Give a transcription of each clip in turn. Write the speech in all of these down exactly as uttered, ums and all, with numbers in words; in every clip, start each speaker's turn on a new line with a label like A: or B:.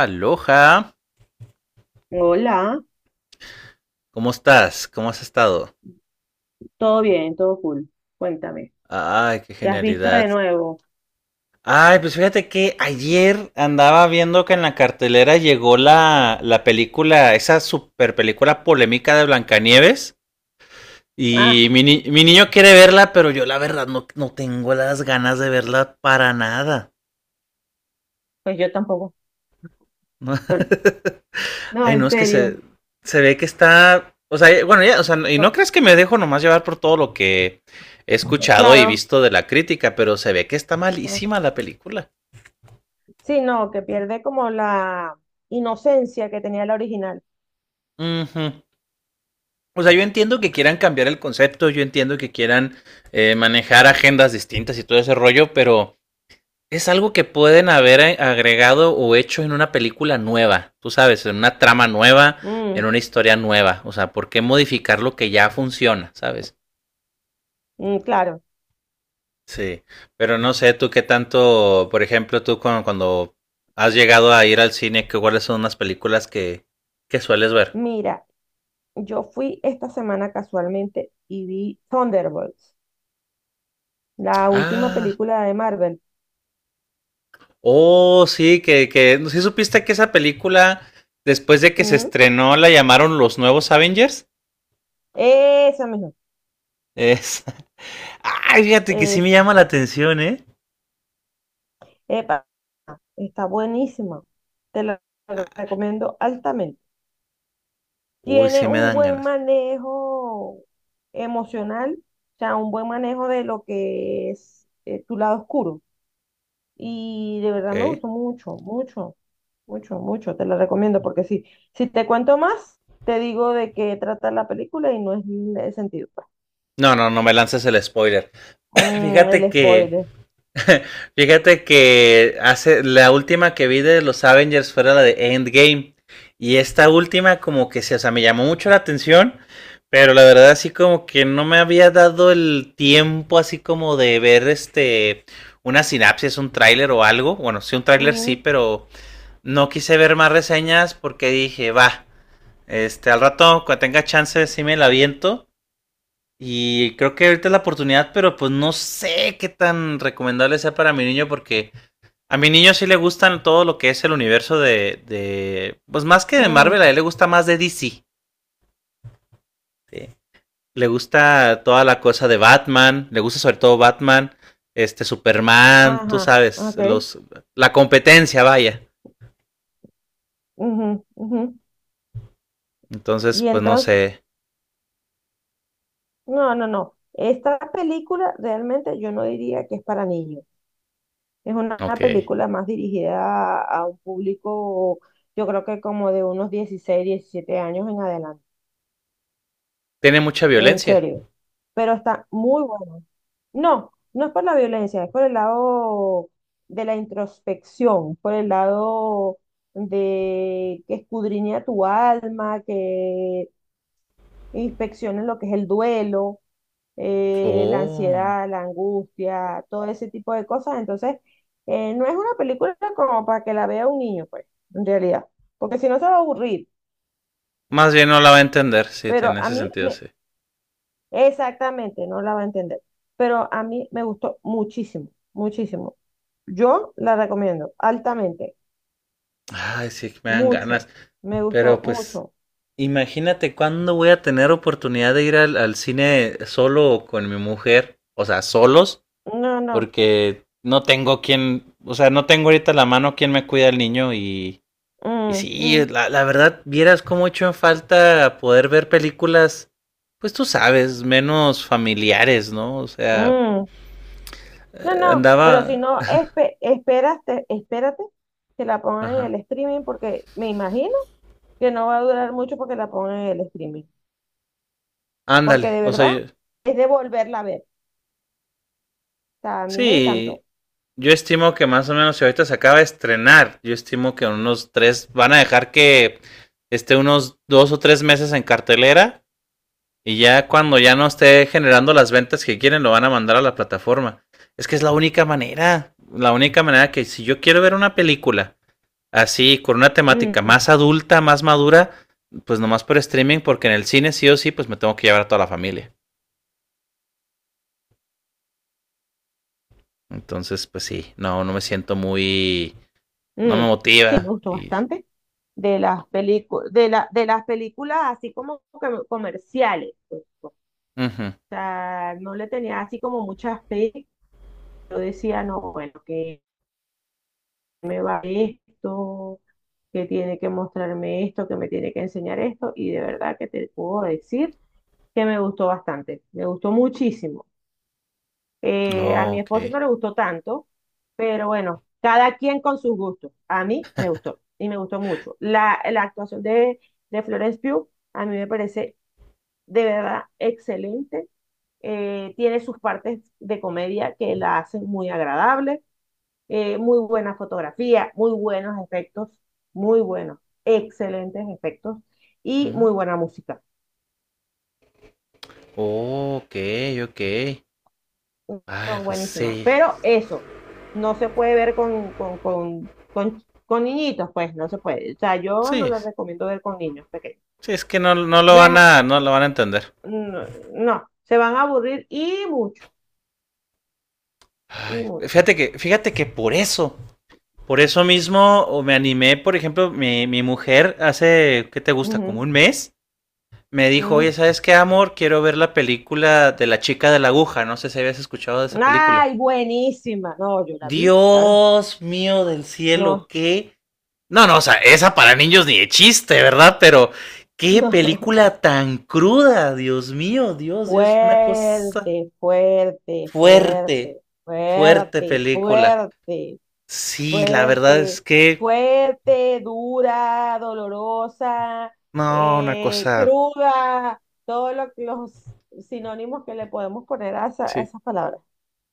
A: Aloha,
B: Hola,
A: ¿cómo estás? ¿Cómo has estado?
B: todo bien, todo cool. Cuéntame,
A: Ay, qué
B: ¿qué has visto de
A: genialidad.
B: nuevo?
A: Ay, pues fíjate que ayer andaba viendo que en la cartelera llegó la, la película, esa super película polémica de Blancanieves.
B: Ah,
A: Y mi, ni- mi niño quiere verla, pero yo la verdad no, no tengo las ganas de verla para nada.
B: pues yo tampoco. No,
A: Ay, no,
B: en
A: es que se,
B: serio.
A: se ve que está. O sea, bueno, ya, o sea, y no
B: No,
A: crees que me dejo nomás llevar por todo lo que he escuchado y
B: claro.
A: visto de la crítica, pero se ve que está
B: Ah,
A: malísima la película.
B: sí, no, que pierde como la inocencia que tenía la original.
A: Ujú. O sea, yo entiendo que quieran cambiar el concepto, yo entiendo que quieran eh, manejar agendas distintas y todo ese rollo, pero es algo que pueden haber eh, agregado o hecho en una película nueva, tú sabes, en una trama nueva,
B: Mm,
A: en una historia nueva. O sea, ¿por qué modificar lo que ya funciona, sabes?
B: mm, claro.
A: Sí, pero no sé tú qué tanto, por ejemplo, tú cuando, cuando has llegado a ir al cine, que cuáles son unas películas que, que sueles ver.
B: Mira, yo fui esta semana casualmente y vi Thunderbolts, la última
A: Ah,
B: película de Marvel.
A: oh, sí, que, que, ¿sí supiste que esa película, después de que se
B: Mm,
A: estrenó, la llamaron Los Nuevos Avengers?
B: esa misma,
A: Es... Ay, fíjate que sí me
B: esa.
A: llama la atención, ¿eh?
B: Epa, está buenísima. Te la la recomiendo altamente.
A: Uy,
B: Tiene
A: sí me
B: un
A: dan
B: buen
A: ganas.
B: manejo emocional, o sea, un buen manejo de lo que es eh, tu lado oscuro. Y de
A: Ok.
B: verdad me gustó mucho, mucho, mucho, mucho. Te la recomiendo porque sí. Si te cuento más, te digo de qué trata la película y no es el sentido, pues.
A: No, no, no me lances el spoiler.
B: Mm,
A: Fíjate
B: el
A: que
B: spoiler.
A: Fíjate que hace la última que vi de los Avengers fue la de Endgame. Y esta última como que se, o sea, me llamó mucho la atención, pero la verdad así como que no me había dado el tiempo así como de ver este una sinapsis, un tráiler o algo. Bueno, sí un tráiler sí,
B: Ujú,
A: pero no quise ver más reseñas porque dije, va, este al rato cuando tenga chance sí me la aviento. Y creo que ahorita es la oportunidad, pero pues no sé qué tan recomendable sea para mi niño porque a mi niño sí le gustan todo lo que es el universo de, de pues más que de
B: mm,
A: Marvel, a él le gusta más de D C. ¿Sí? Le gusta toda la cosa de Batman, le gusta sobre todo Batman, este Superman, tú
B: ajá,
A: sabes,
B: ok.
A: los la competencia, vaya.
B: Ujú, ujú.
A: Entonces,
B: Y
A: pues no
B: entonces,
A: sé.
B: no, no, no. Esta película realmente yo no diría que es para niños. Es una
A: Ok.
B: película más dirigida a, a un público, yo creo que como de unos dieciséis diecisiete años en adelante,
A: Tiene mucha
B: en
A: violencia.
B: serio. Pero está muy bueno. No, no es por la violencia, es por el lado de la introspección, por el lado de que escudriña tu alma, que inspeccione lo que es el duelo, eh, la
A: Oh.
B: ansiedad, la angustia, todo ese tipo de cosas. Entonces, eh, no es una película como para que la vea un niño, pues, en realidad, porque si no se va a aburrir.
A: Más bien no la va a entender, sí,
B: Pero
A: tiene
B: a
A: ese
B: mí
A: sentido,
B: me,
A: sí.
B: exactamente, no la va a entender. Pero a mí me gustó muchísimo, muchísimo. Yo la recomiendo altamente,
A: Ay, sí, me dan
B: mucho.
A: ganas.
B: Me gustó
A: Pero pues
B: mucho.
A: imagínate cuándo voy a tener oportunidad de ir al, al cine solo o con mi mujer, o sea, solos,
B: No, no.
A: porque no tengo quien, o sea, no tengo ahorita a la mano quien me cuida al niño y, y
B: Mm,
A: sí,
B: mm,
A: la, la verdad, vieras cómo he hecho en falta poder ver películas, pues tú sabes, menos familiares, ¿no? O sea,
B: mm. No,
A: eh,
B: no, pero si
A: andaba,
B: no, espe- esperaste, espérate que la pongan en el
A: ajá,
B: streaming porque me imagino que no va a durar mucho porque la pongan en el streaming. Porque
A: ándale,
B: de
A: o sea,
B: verdad
A: yo-
B: es de volverla a ver. O sea, a mí me
A: sí,
B: encantó.
A: yo estimo que más o menos si ahorita se acaba de estrenar, yo estimo que unos tres van a dejar que esté unos dos o tres meses en cartelera y ya cuando ya no esté generando las ventas que quieren lo van a mandar a la plataforma. Es que es la única manera, la única manera que si yo quiero ver una película así con una temática
B: Mm,
A: más adulta, más madura, pues nomás por streaming porque en el cine sí o sí pues me tengo que llevar a toda la familia. Entonces pues sí, no, no me siento muy, no
B: mm.
A: me
B: Sí, me
A: motiva
B: gustó
A: y...
B: bastante. De las películas, de la, de las películas así como que comerciales, pues. O
A: Uh -huh.
B: sea, no le tenía así como mucha fe. Yo decía, no, bueno, ¿que me va esto? Que tiene que mostrarme esto, que me tiene que enseñar esto, y de verdad que te puedo decir que me gustó bastante, me gustó muchísimo. Eh, a
A: Oh,
B: mi esposo
A: ok.
B: no le gustó tanto, pero bueno, cada quien con sus gustos. A mí me gustó y me gustó mucho. La, la actuación de, de Florence Pugh a mí me parece de verdad excelente. Eh, tiene sus partes de comedia que la hacen muy agradable, eh, muy buena fotografía, muy buenos efectos, muy buenos, excelentes efectos y
A: Ujú.
B: muy buena música.
A: Oh, ok, ok. Ay,
B: No,
A: pues
B: buenísima.
A: sí.
B: Pero eso, no se puede ver con, con, con, con, con niñitos, pues no se puede. O sea, yo no
A: Sí.
B: les recomiendo ver con niños pequeños.
A: Sí, es que no, no lo
B: No
A: van
B: es,
A: a, no lo van a entender.
B: no, no, se van a aburrir y mucho, y
A: Ay,
B: mucho.
A: fíjate que, fíjate que por eso. Por eso mismo o me animé, por ejemplo, mi, mi mujer hace, ¿qué te gusta? Como
B: Ujú,
A: un mes. Me dijo, oye,
B: mm.
A: ¿sabes qué, amor? Quiero ver la película de la chica de la aguja. No sé si habías escuchado de esa película.
B: Ay, buenísima. No, yo la vi, claro.
A: Dios mío del cielo,
B: No,
A: qué. No, no, o sea, esa para niños ni de chiste, ¿verdad? Pero qué
B: no.
A: película tan cruda, Dios mío, Dios, Dios, fue una cosa
B: Fuerte, fuerte, fuerte,
A: fuerte, fuerte
B: fuerte,
A: película.
B: fuerte,
A: Sí, la verdad
B: fuerte,
A: es que,
B: fuerte, dura, dolorosa,
A: no, una
B: eh,
A: cosa,
B: cruda, todos lo- los sinónimos que le podemos poner a, esa- a
A: sí.
B: esas palabras. O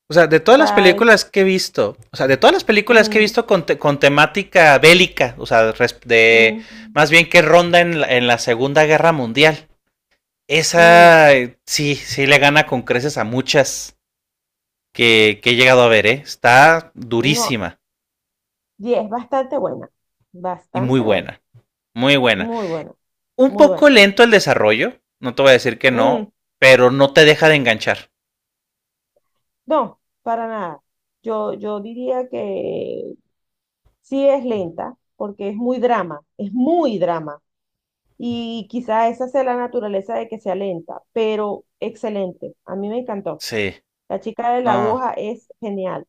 A: O sea, de todas las
B: sea, esa,
A: películas que he visto, o sea, de todas las películas que he
B: mm,
A: visto con, te- con temática bélica, o sea, res- de
B: mm,
A: más bien que ronda en la, en la Segunda Guerra Mundial,
B: mm,
A: esa eh, sí, sí le gana con creces a muchas. que, que he llegado a ver, ¿eh? Está
B: no,
A: durísima
B: y es bastante buena,
A: y muy
B: bastante buena,
A: buena. Muy buena.
B: muy buena,
A: Un
B: muy
A: poco
B: buena.
A: lento el desarrollo, no te voy a decir que
B: Mm.
A: no, pero no te deja de enganchar.
B: No, para nada. Yo, yo diría que sí es lenta, porque es muy drama, es muy drama. Y quizá esa sea la naturaleza de que sea lenta, pero excelente. A mí me encantó.
A: Sí,
B: La chica de la
A: no,
B: aguja es genial,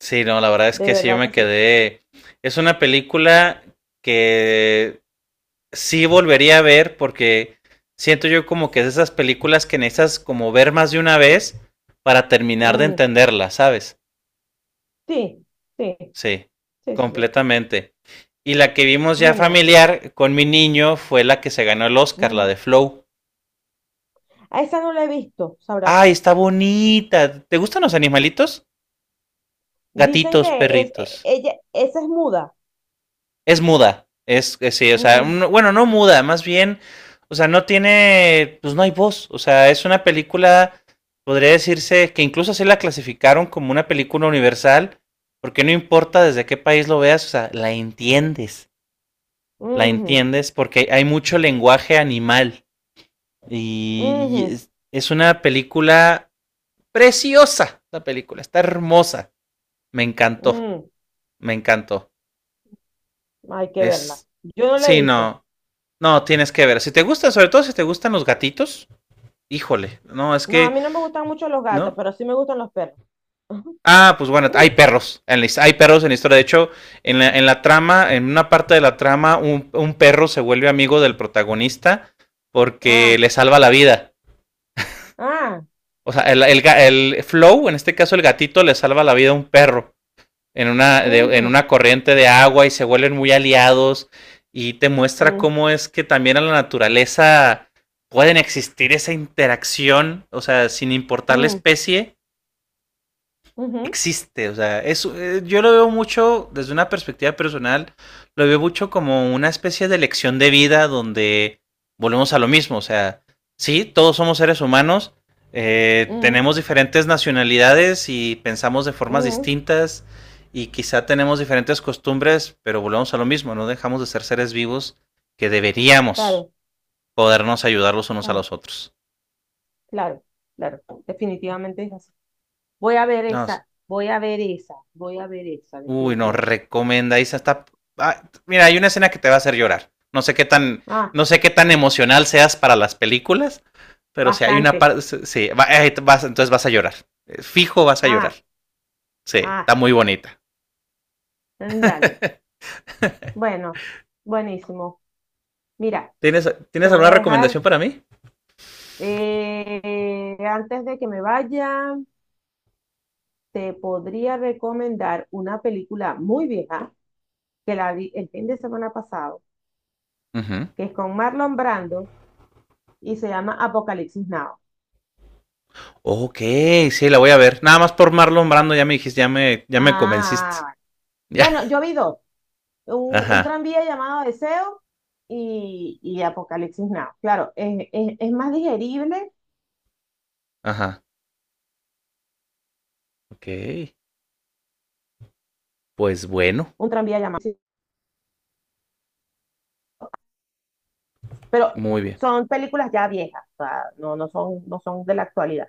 A: sí, no, la verdad es
B: de
A: que sí, yo
B: verdad
A: me
B: que sí.
A: quedé. Es una película que sí volvería a ver porque siento yo como que es de esas películas que necesitas como ver más de una vez para terminar de
B: Mm,
A: entenderla, ¿sabes?
B: sí, sí,
A: Sí,
B: sí, sí, sí.
A: completamente. Y la que vimos
B: No,
A: ya
B: no,
A: familiar con mi niño fue la que se ganó el Oscar, la
B: mm.
A: de Flow.
B: A esa no la he visto,
A: Ay,
B: sabrás.
A: está bonita. ¿Te gustan los animalitos?
B: Dicen
A: Gatitos,
B: que es,
A: perritos.
B: e- ella, esa es muda.
A: Es muda. Es, es- sí, o sea,
B: Mm,
A: un- bueno, no muda, más bien, o sea, no tiene, pues no hay voz. O sea, es una película, podría decirse que incluso así la clasificaron como una película universal, porque no importa desde qué país lo veas, o sea, la entiendes. La
B: ujú,
A: entiendes porque hay mucho lenguaje animal y,
B: ujú,
A: y es, una película preciosa, la película, está hermosa, me encantó,
B: mm.
A: me encantó.
B: Hay que verla.
A: Es,
B: Yo no la he
A: sí,
B: visto.
A: no, no, tienes que ver, si te gusta, sobre todo si te gustan los gatitos, híjole, no, es
B: No, a
A: que,
B: mí no me gustan mucho los gatos,
A: ¿no?
B: pero sí me gustan los perros.
A: Ah, pues bueno, hay perros. En la, hay perros en la historia. De hecho, en la, en la trama, en una parte de la trama, un, un, perro se vuelve amigo del protagonista porque
B: Ah,
A: le salva la vida.
B: ah,
A: O sea, el, el, el Flow, en este caso el gatito, le salva la vida a un perro en una, de, en
B: ujú,
A: una corriente de agua y se vuelven muy aliados y te muestra
B: mm,
A: cómo es que también en la naturaleza pueden existir esa interacción, o sea, sin importar la
B: mm,
A: especie,
B: ujú,
A: existe. O sea, es, eh, yo lo veo mucho desde una perspectiva personal, lo veo mucho como una especie de lección de vida donde volvemos a lo mismo. O sea, sí, todos somos seres humanos, eh,
B: mm,
A: tenemos diferentes nacionalidades y pensamos de formas
B: mm,
A: distintas y quizá tenemos diferentes costumbres, pero volvemos a lo mismo, no dejamos de ser seres vivos que deberíamos
B: claro,
A: podernos ayudar los unos a
B: ah,
A: los otros.
B: claro, claro, definitivamente es así. Voy a ver
A: No,
B: esa, voy a ver esa, voy a ver esa,
A: uy, no,
B: definitivamente.
A: recomendáis hasta. Ah, mira, hay una escena que te va a hacer llorar. No sé qué tan,
B: Ah,
A: no sé qué tan emocional seas para las películas, pero si hay una
B: bastante.
A: parte, sí, va- eh, vas- entonces vas a llorar. Eh, Fijo vas a llorar.
B: Ah,
A: Sí,
B: ah,
A: está muy bonita.
B: dale. Bueno, buenísimo. Mira,
A: ¿Tienes, ¿tienes
B: te voy
A: alguna
B: a dejar,
A: recomendación para mí?
B: eh, antes de que me vaya. Te podría recomendar una película muy vieja que la vi el fin de semana pasado,
A: Ujú.
B: que es con Marlon Brando y se llama Apocalipsis Now.
A: Ok, sí, la voy a ver. Nada más por Marlon Brando ya me dijiste, ya me, ya me convenciste.
B: Ah,
A: Ya.
B: bueno, yo vi dos, un, un
A: Ajá,
B: tranvía llamado Deseo y, y Apocalipsis Now. Claro, es, es, es más digerible
A: ajá. Ok. Pues bueno,
B: un tranvía llamado, sí, pero
A: muy bien.
B: son películas ya viejas, o sea, no, no son, no son de la actualidad.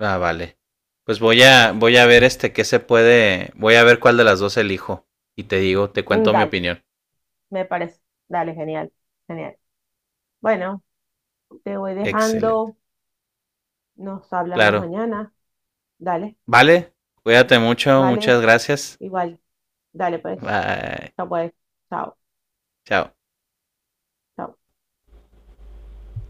A: Ah, vale. Pues voy a, voy a ver este qué se puede, voy a ver cuál de las dos elijo y te digo, te
B: Mm,
A: cuento mi
B: dale,
A: opinión.
B: me parece, dale, genial, genial. Bueno, te voy
A: Excelente.
B: dejando. Nos hablamos
A: Claro.
B: mañana. Dale.
A: Vale, cuídate mucho,
B: Vale,
A: muchas gracias.
B: igual. Dale, pues.
A: Bye.
B: Chao, pues. Chao,
A: Chao.
B: chao.